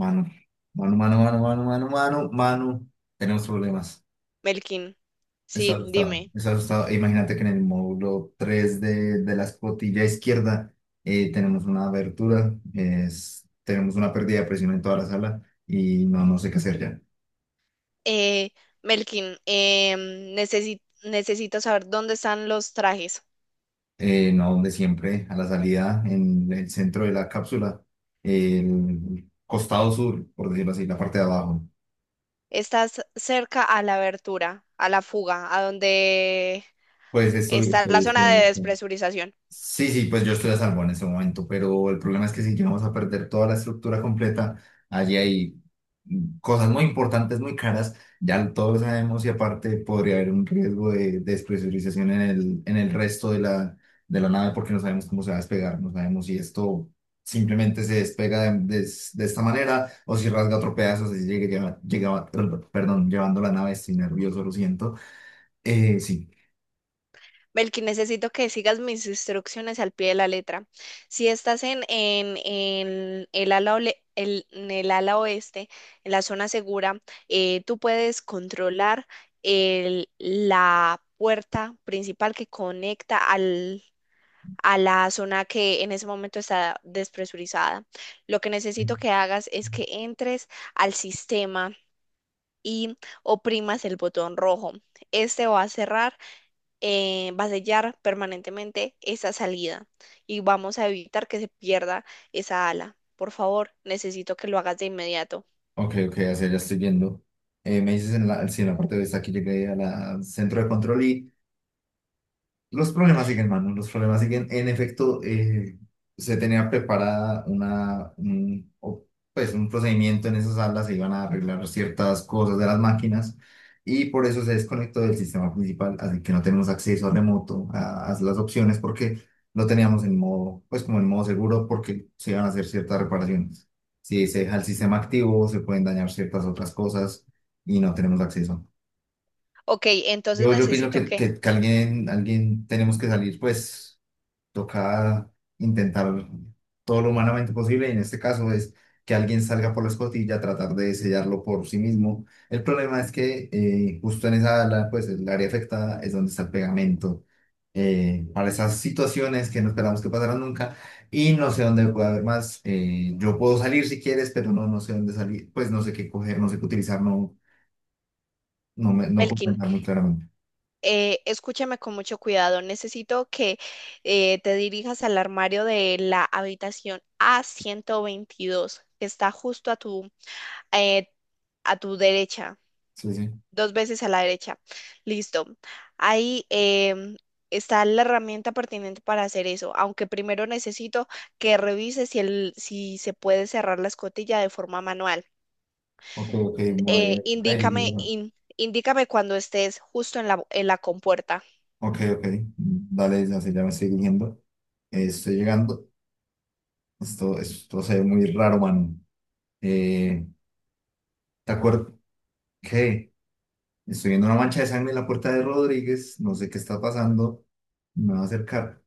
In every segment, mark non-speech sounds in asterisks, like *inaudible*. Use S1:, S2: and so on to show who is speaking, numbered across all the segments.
S1: Mano, mano, mano, mano, mano, mano, mano, mano. Tenemos problemas.
S2: Melkin,
S1: Está
S2: sí,
S1: asustado,
S2: dime.
S1: está asustado. E imagínate que en el módulo 3 de la escotilla izquierda, tenemos una abertura, tenemos una pérdida de presión en toda la sala y no, no sé qué hacer ya.
S2: Eh, Melkin, necesito saber dónde están los trajes.
S1: No, donde siempre, a la salida, en el centro de la cápsula, el costado sur, por decirlo así, la parte de abajo.
S2: ¿Estás cerca a la abertura, a la fuga, a donde
S1: Pues
S2: está la
S1: estoy
S2: zona
S1: en
S2: de
S1: esto.
S2: despresurización?
S1: Sí, sí, pues yo estoy a salvo en ese momento, pero el problema es que si llegamos a perder toda la estructura completa, allí hay cosas muy importantes, muy caras, ya todos lo sabemos, y aparte podría haber un riesgo de despresurización en el resto de de la nave, porque no sabemos cómo se va a despegar, no sabemos si esto simplemente se despega de esta manera o si rasga otro pedazo, si llegue, llegaba, perdón, llevando la nave, estoy nervioso, lo siento. Sí.
S2: Belkin, necesito que sigas mis instrucciones al pie de la letra. Si estás en el ala, en el ala oeste, en la zona segura, tú puedes controlar la puerta principal que conecta a la zona que en ese momento está despresurizada. Lo que necesito que hagas es que entres al sistema y oprimas el botón rojo. Este va a cerrar, va a sellar permanentemente esa salida y vamos a evitar que se pierda esa ala. Por favor, necesito que lo hagas de inmediato.
S1: Ok, ok, así ya estoy viendo. Me dices en la, sí, en la parte de esta, aquí llegué al centro de control. Los problemas siguen, hermano, los problemas siguen. En efecto, se tenía preparada pues, un procedimiento en esas salas, se iban a arreglar ciertas cosas de las máquinas y por eso se desconectó del sistema principal, así que no tenemos acceso a remoto a las opciones porque lo teníamos en modo, pues como en modo seguro, porque se iban a hacer ciertas reparaciones. Si se deja el sistema activo, se pueden dañar ciertas otras cosas y no tenemos acceso.
S2: Ok, entonces
S1: Yo opino
S2: necesito que,
S1: que alguien tenemos que salir, pues toca intentar todo lo humanamente posible, y en este caso es que alguien salga por la escotilla, tratar de sellarlo por sí mismo. El problema es que, justo en esa ala, pues el área afectada es donde está el pegamento, para esas situaciones que no esperamos que pasaran nunca, y no sé dónde puede haber más. Yo puedo salir si quieres, pero no, no sé dónde salir, pues no sé qué coger, no sé qué utilizar, no, no, no puedo
S2: Melkin,
S1: pensar muy claramente.
S2: escúchame con mucho cuidado. Necesito que te dirijas al armario de la habitación A122, que está justo eh, a tu derecha.
S1: Sí, sí.
S2: Dos veces a la derecha. Listo. Ahí está la herramienta pertinente para hacer eso, aunque primero necesito que revise si se puede cerrar la escotilla de forma manual.
S1: Ok, ok,
S2: Eh,
S1: muy...
S2: indícame, in- indícame cuando estés justo en la compuerta.
S1: Ok, ok. Dale, ya se, ya me estoy dirigiendo. Estoy llegando. Esto se ve muy raro, mano. Eh, ¿Te acuerdas? ¿Qué? Estoy viendo una mancha de sangre en la puerta de Rodríguez. No sé qué está pasando. Me va a acercar.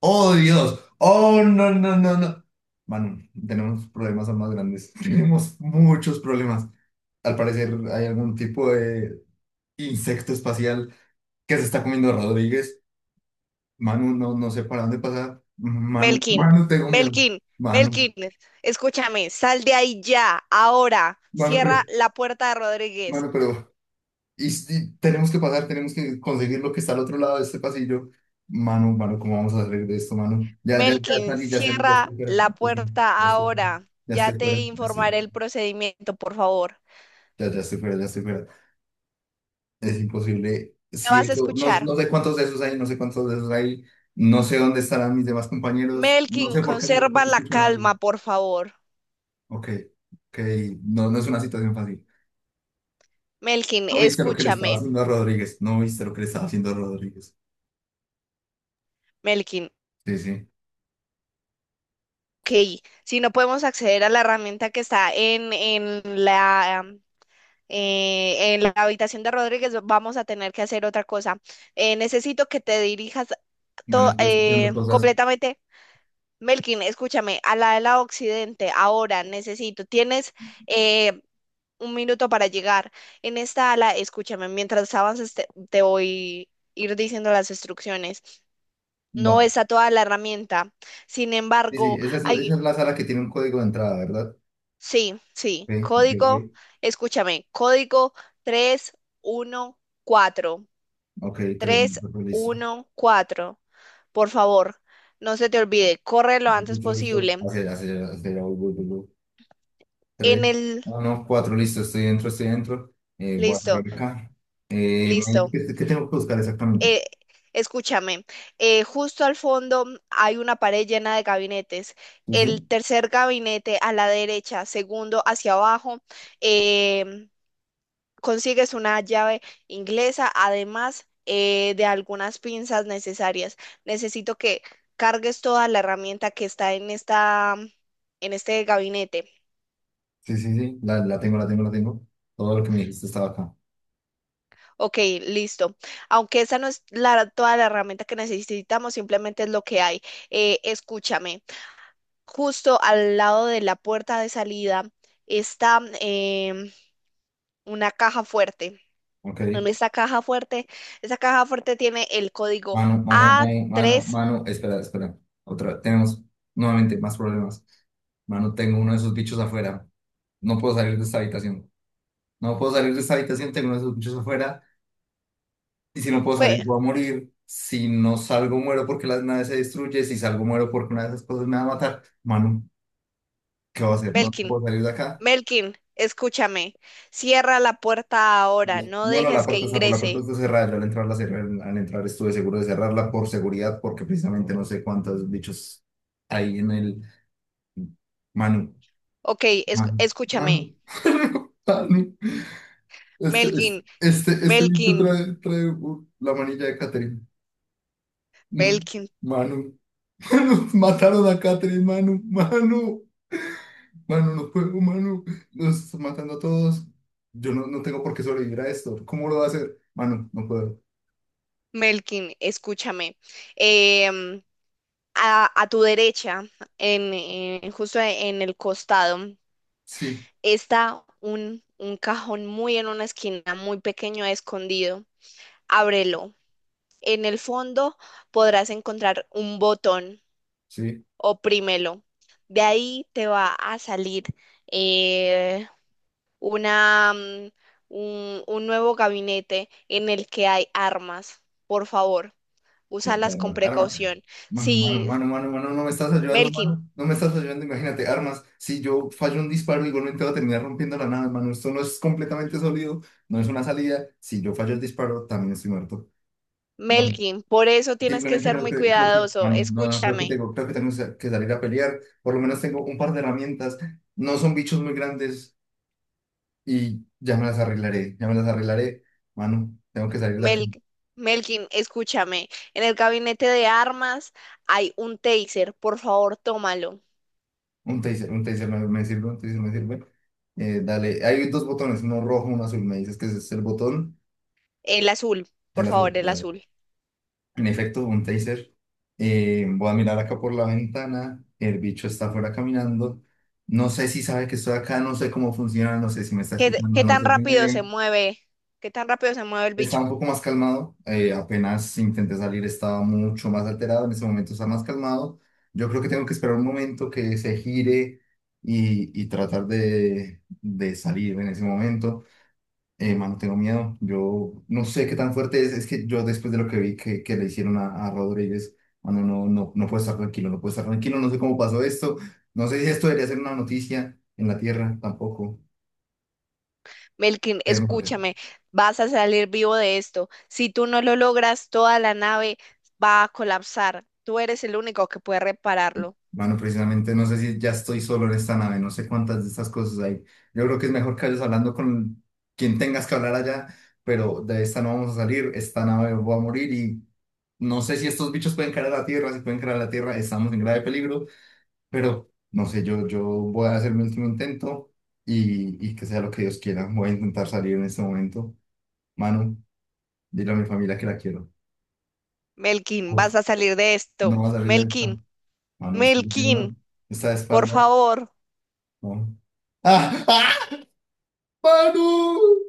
S1: ¡Oh, Dios! ¡Oh, no, no, no, no! Mano, tenemos problemas aún más grandes. *laughs* Tenemos muchos problemas. Al parecer hay algún tipo de insecto espacial que se está comiendo a Rodríguez. Manu, no, no sé para dónde pasar. Manu,
S2: Melkin,
S1: Manu, tengo miedo.
S2: Melkin,
S1: Manu,
S2: Melkin, escúchame, sal de ahí ya, ahora.
S1: Manu, pero,
S2: Cierra la puerta de Rodríguez.
S1: Manu, pero, y tenemos que pasar, tenemos que conseguir lo que está al otro lado de este pasillo. Manu, Manu, ¿cómo vamos a salir de esto, Manu? Ya, ya, ya
S2: Melkin,
S1: salí, ya salí, ya
S2: cierra
S1: estoy fuera, ya
S2: la
S1: estoy fuera, ya
S2: puerta
S1: estoy fuera,
S2: ahora.
S1: ya
S2: Ya
S1: estoy
S2: te
S1: fuera, ya estoy
S2: informaré
S1: fuera,
S2: el procedimiento, por favor.
S1: ya, ya estoy fuera, ya estoy fuera. Es imposible.
S2: Me
S1: Si
S2: vas a
S1: eso, no,
S2: escuchar.
S1: no sé cuántos de esos hay, no sé cuántos de esos hay, no sé dónde estarán mis demás compañeros, no
S2: Melkin,
S1: sé por qué hacerlo, no
S2: conserva la
S1: escucho a nadie.
S2: calma, por favor.
S1: Ok, ok, no, no es una situación fácil.
S2: Melkin,
S1: No viste lo que le estaba
S2: escúchame.
S1: haciendo a Rodríguez. No viste lo que le estaba haciendo a Rodríguez.
S2: Melkin,
S1: Sí, sí.
S2: ok. Si no podemos acceder a la herramienta que está en la habitación de Rodríguez, vamos a tener que hacer otra cosa. Necesito que te dirijas
S1: Mano, estoy escuchando cosas.
S2: completamente Melkin, escúchame, a la de la Occidente, ahora necesito, tienes eh, un minuto para llegar. En esta ala, escúchame, mientras avances te voy a ir diciendo las instrucciones.
S1: Va.
S2: No está toda la herramienta. Sin
S1: Sí, sí.
S2: embargo, hay,
S1: Esa es la sala que tiene un código de entrada, ¿verdad?
S2: sí, sí,
S1: Ok, ok,
S2: código,
S1: ok.
S2: escúchame, código 314,
S1: Ok, 3 minutos, pues, listo.
S2: 314. Por favor, no se te olvide, corre lo
S1: Dos
S2: antes
S1: minutos, listo.
S2: posible.
S1: Hacia, hacia, hacia, voy, voy, voy, voy. Tres.
S2: En el,
S1: No, no, cuatro, listo. Estoy dentro, estoy dentro. Voy a entrar
S2: listo.
S1: acá.
S2: Listo.
S1: ¿Qué, qué tengo que buscar exactamente?
S2: eh, escúchame, justo al fondo hay una pared llena de gabinetes.
S1: Sí,
S2: El
S1: sí.
S2: tercer gabinete a la derecha, segundo hacia abajo, em, consigues una llave inglesa, además de algunas pinzas necesarias. Necesito que cargues toda la herramienta que está en esta, en este gabinete.
S1: Sí, sí, sí. La tengo, la tengo, la tengo. Todo lo que me dijiste estaba acá.
S2: Ok, listo. Aunque esa no es la, toda la herramienta que necesitamos, simplemente es lo que hay. Escúchame. Justo al lado de la puerta de salida está una caja fuerte.
S1: Ok.
S2: En esta caja fuerte, esa caja fuerte tiene el código
S1: Mano, mano,
S2: a
S1: mano, mano,
S2: tres.
S1: mano, espera, espera. Otra, tenemos nuevamente más problemas. Mano, tengo uno de esos bichos afuera. No puedo salir de esta habitación. No puedo salir de esta habitación, tengo uno de esos bichos afuera. Y si no puedo salir,
S2: Cue-
S1: voy a morir. Si no salgo, muero porque la nave se destruye. Si salgo, muero porque una de esas cosas me va a matar. Mano, ¿qué voy a hacer? No
S2: Melkin,
S1: puedo salir de acá.
S2: Melkin, escúchame. Cierra la puerta ahora,
S1: No,
S2: no
S1: no, no, la
S2: dejes que
S1: puerta está, por la puerta
S2: ingrese.
S1: está cerrada. Yo al entrar, la cerré, al entrar estuve seguro de cerrarla por seguridad, porque precisamente no sé cuántos bichos hay en el... Manu,
S2: Ok,
S1: Manu, Manu,
S2: escúchame.
S1: *laughs* Manu.
S2: Melkin,
S1: Este bicho
S2: Melkin,
S1: trae, trae la manilla de Catherine. Manu,
S2: Melkin,
S1: Manu, *laughs* Manu, mataron a Catherine, Manu, Manu, Manu, no puedo, Manu, nos están matando a todos. Yo no, no tengo por qué sobrevivir a esto. ¿Cómo lo va a hacer? Manu, no puedo.
S2: Melkin, escúchame. Em, a tu derecha, en, justo en el costado.
S1: Sí,
S2: Está un cajón muy en una esquina, muy pequeño, escondido. Ábrelo. En el fondo podrás encontrar un botón.
S1: sí.
S2: Oprímelo. De ahí te va a salir eh, una, un nuevo gabinete en el que hay armas. Por favor, úsalas con
S1: Arma, arma.
S2: precaución.
S1: Mano, mano,
S2: Sí,
S1: mano, mano, mano, no me estás ayudando,
S2: Melkin,
S1: mano. No me estás ayudando, imagínate, armas. Si yo fallo un disparo, igualmente voy a terminar rompiendo la nave, mano. Esto no es completamente sólido, no es una salida. Si yo fallo el disparo, también estoy muerto. Mano,
S2: Melkin, por eso tienes que
S1: simplemente
S2: ser
S1: creo
S2: muy
S1: que, creo que,
S2: cuidadoso.
S1: mano, no, no,
S2: Escúchame.
S1: creo que tengo que salir a pelear. Por lo menos tengo un par de herramientas. No son bichos muy grandes y ya me las arreglaré, ya me las arreglaré. Mano, tengo que salir de acá.
S2: Mel- Melkin, escúchame. En el gabinete de armas hay un taser. Por favor, tómalo.
S1: Un taser me sirve, un taser me sirve. Dale, hay dos botones, uno rojo, uno azul. Me dices que ese es el botón,
S2: El azul, por
S1: el azul.
S2: favor, el
S1: Dale.
S2: azul.
S1: En efecto, un taser. Voy a mirar acá por la ventana. El bicho está afuera caminando. No sé si sabe que estoy acá, no sé cómo funciona, no sé si me está
S2: ¿Qué, t-
S1: escuchando,
S2: qué
S1: no
S2: tan
S1: sé si me
S2: rápido se
S1: ve.
S2: mueve? ¿Qué tan rápido se mueve el
S1: Estaba un
S2: bicho?
S1: poco más calmado, apenas intenté salir estaba mucho más alterado, en ese momento está más calmado. Yo creo que tengo que esperar un momento que se gire y tratar de salir en ese momento. Mano, tengo miedo, yo no sé qué tan fuerte es que yo después de lo que vi que le hicieron a Rodríguez, mano, no, no, no puedo estar tranquilo, no puedo estar tranquilo, no sé cómo pasó esto, no sé si esto debería ser una noticia en la tierra tampoco.
S2: Melkin,
S1: No sé.
S2: escúchame. Vas a salir vivo de esto. Si tú no lo logras, toda la nave va a colapsar. Tú eres el único que puede repararlo.
S1: Bueno, precisamente no sé si ya estoy solo en esta nave, no sé cuántas de estas cosas hay. Yo creo que es mejor que vayas hablando con quien tengas que hablar allá, pero de esta no vamos a salir, esta nave va a morir, y no sé si estos bichos pueden caer a la Tierra, si pueden caer a la Tierra, estamos en grave peligro, pero no sé, yo voy a hacer mi último intento y que sea lo que Dios quiera. Voy a intentar salir en este momento. Manu, dile a mi familia que la quiero.
S2: Melkin,
S1: Uf,
S2: vas a salir de esto.
S1: no va a salir de esta.
S2: Melkin,
S1: Manu, me estás
S2: Melkin,
S1: viendo, está de
S2: por
S1: espaldas.
S2: favor.
S1: No. ¡Ah! ¡Ah! Paro.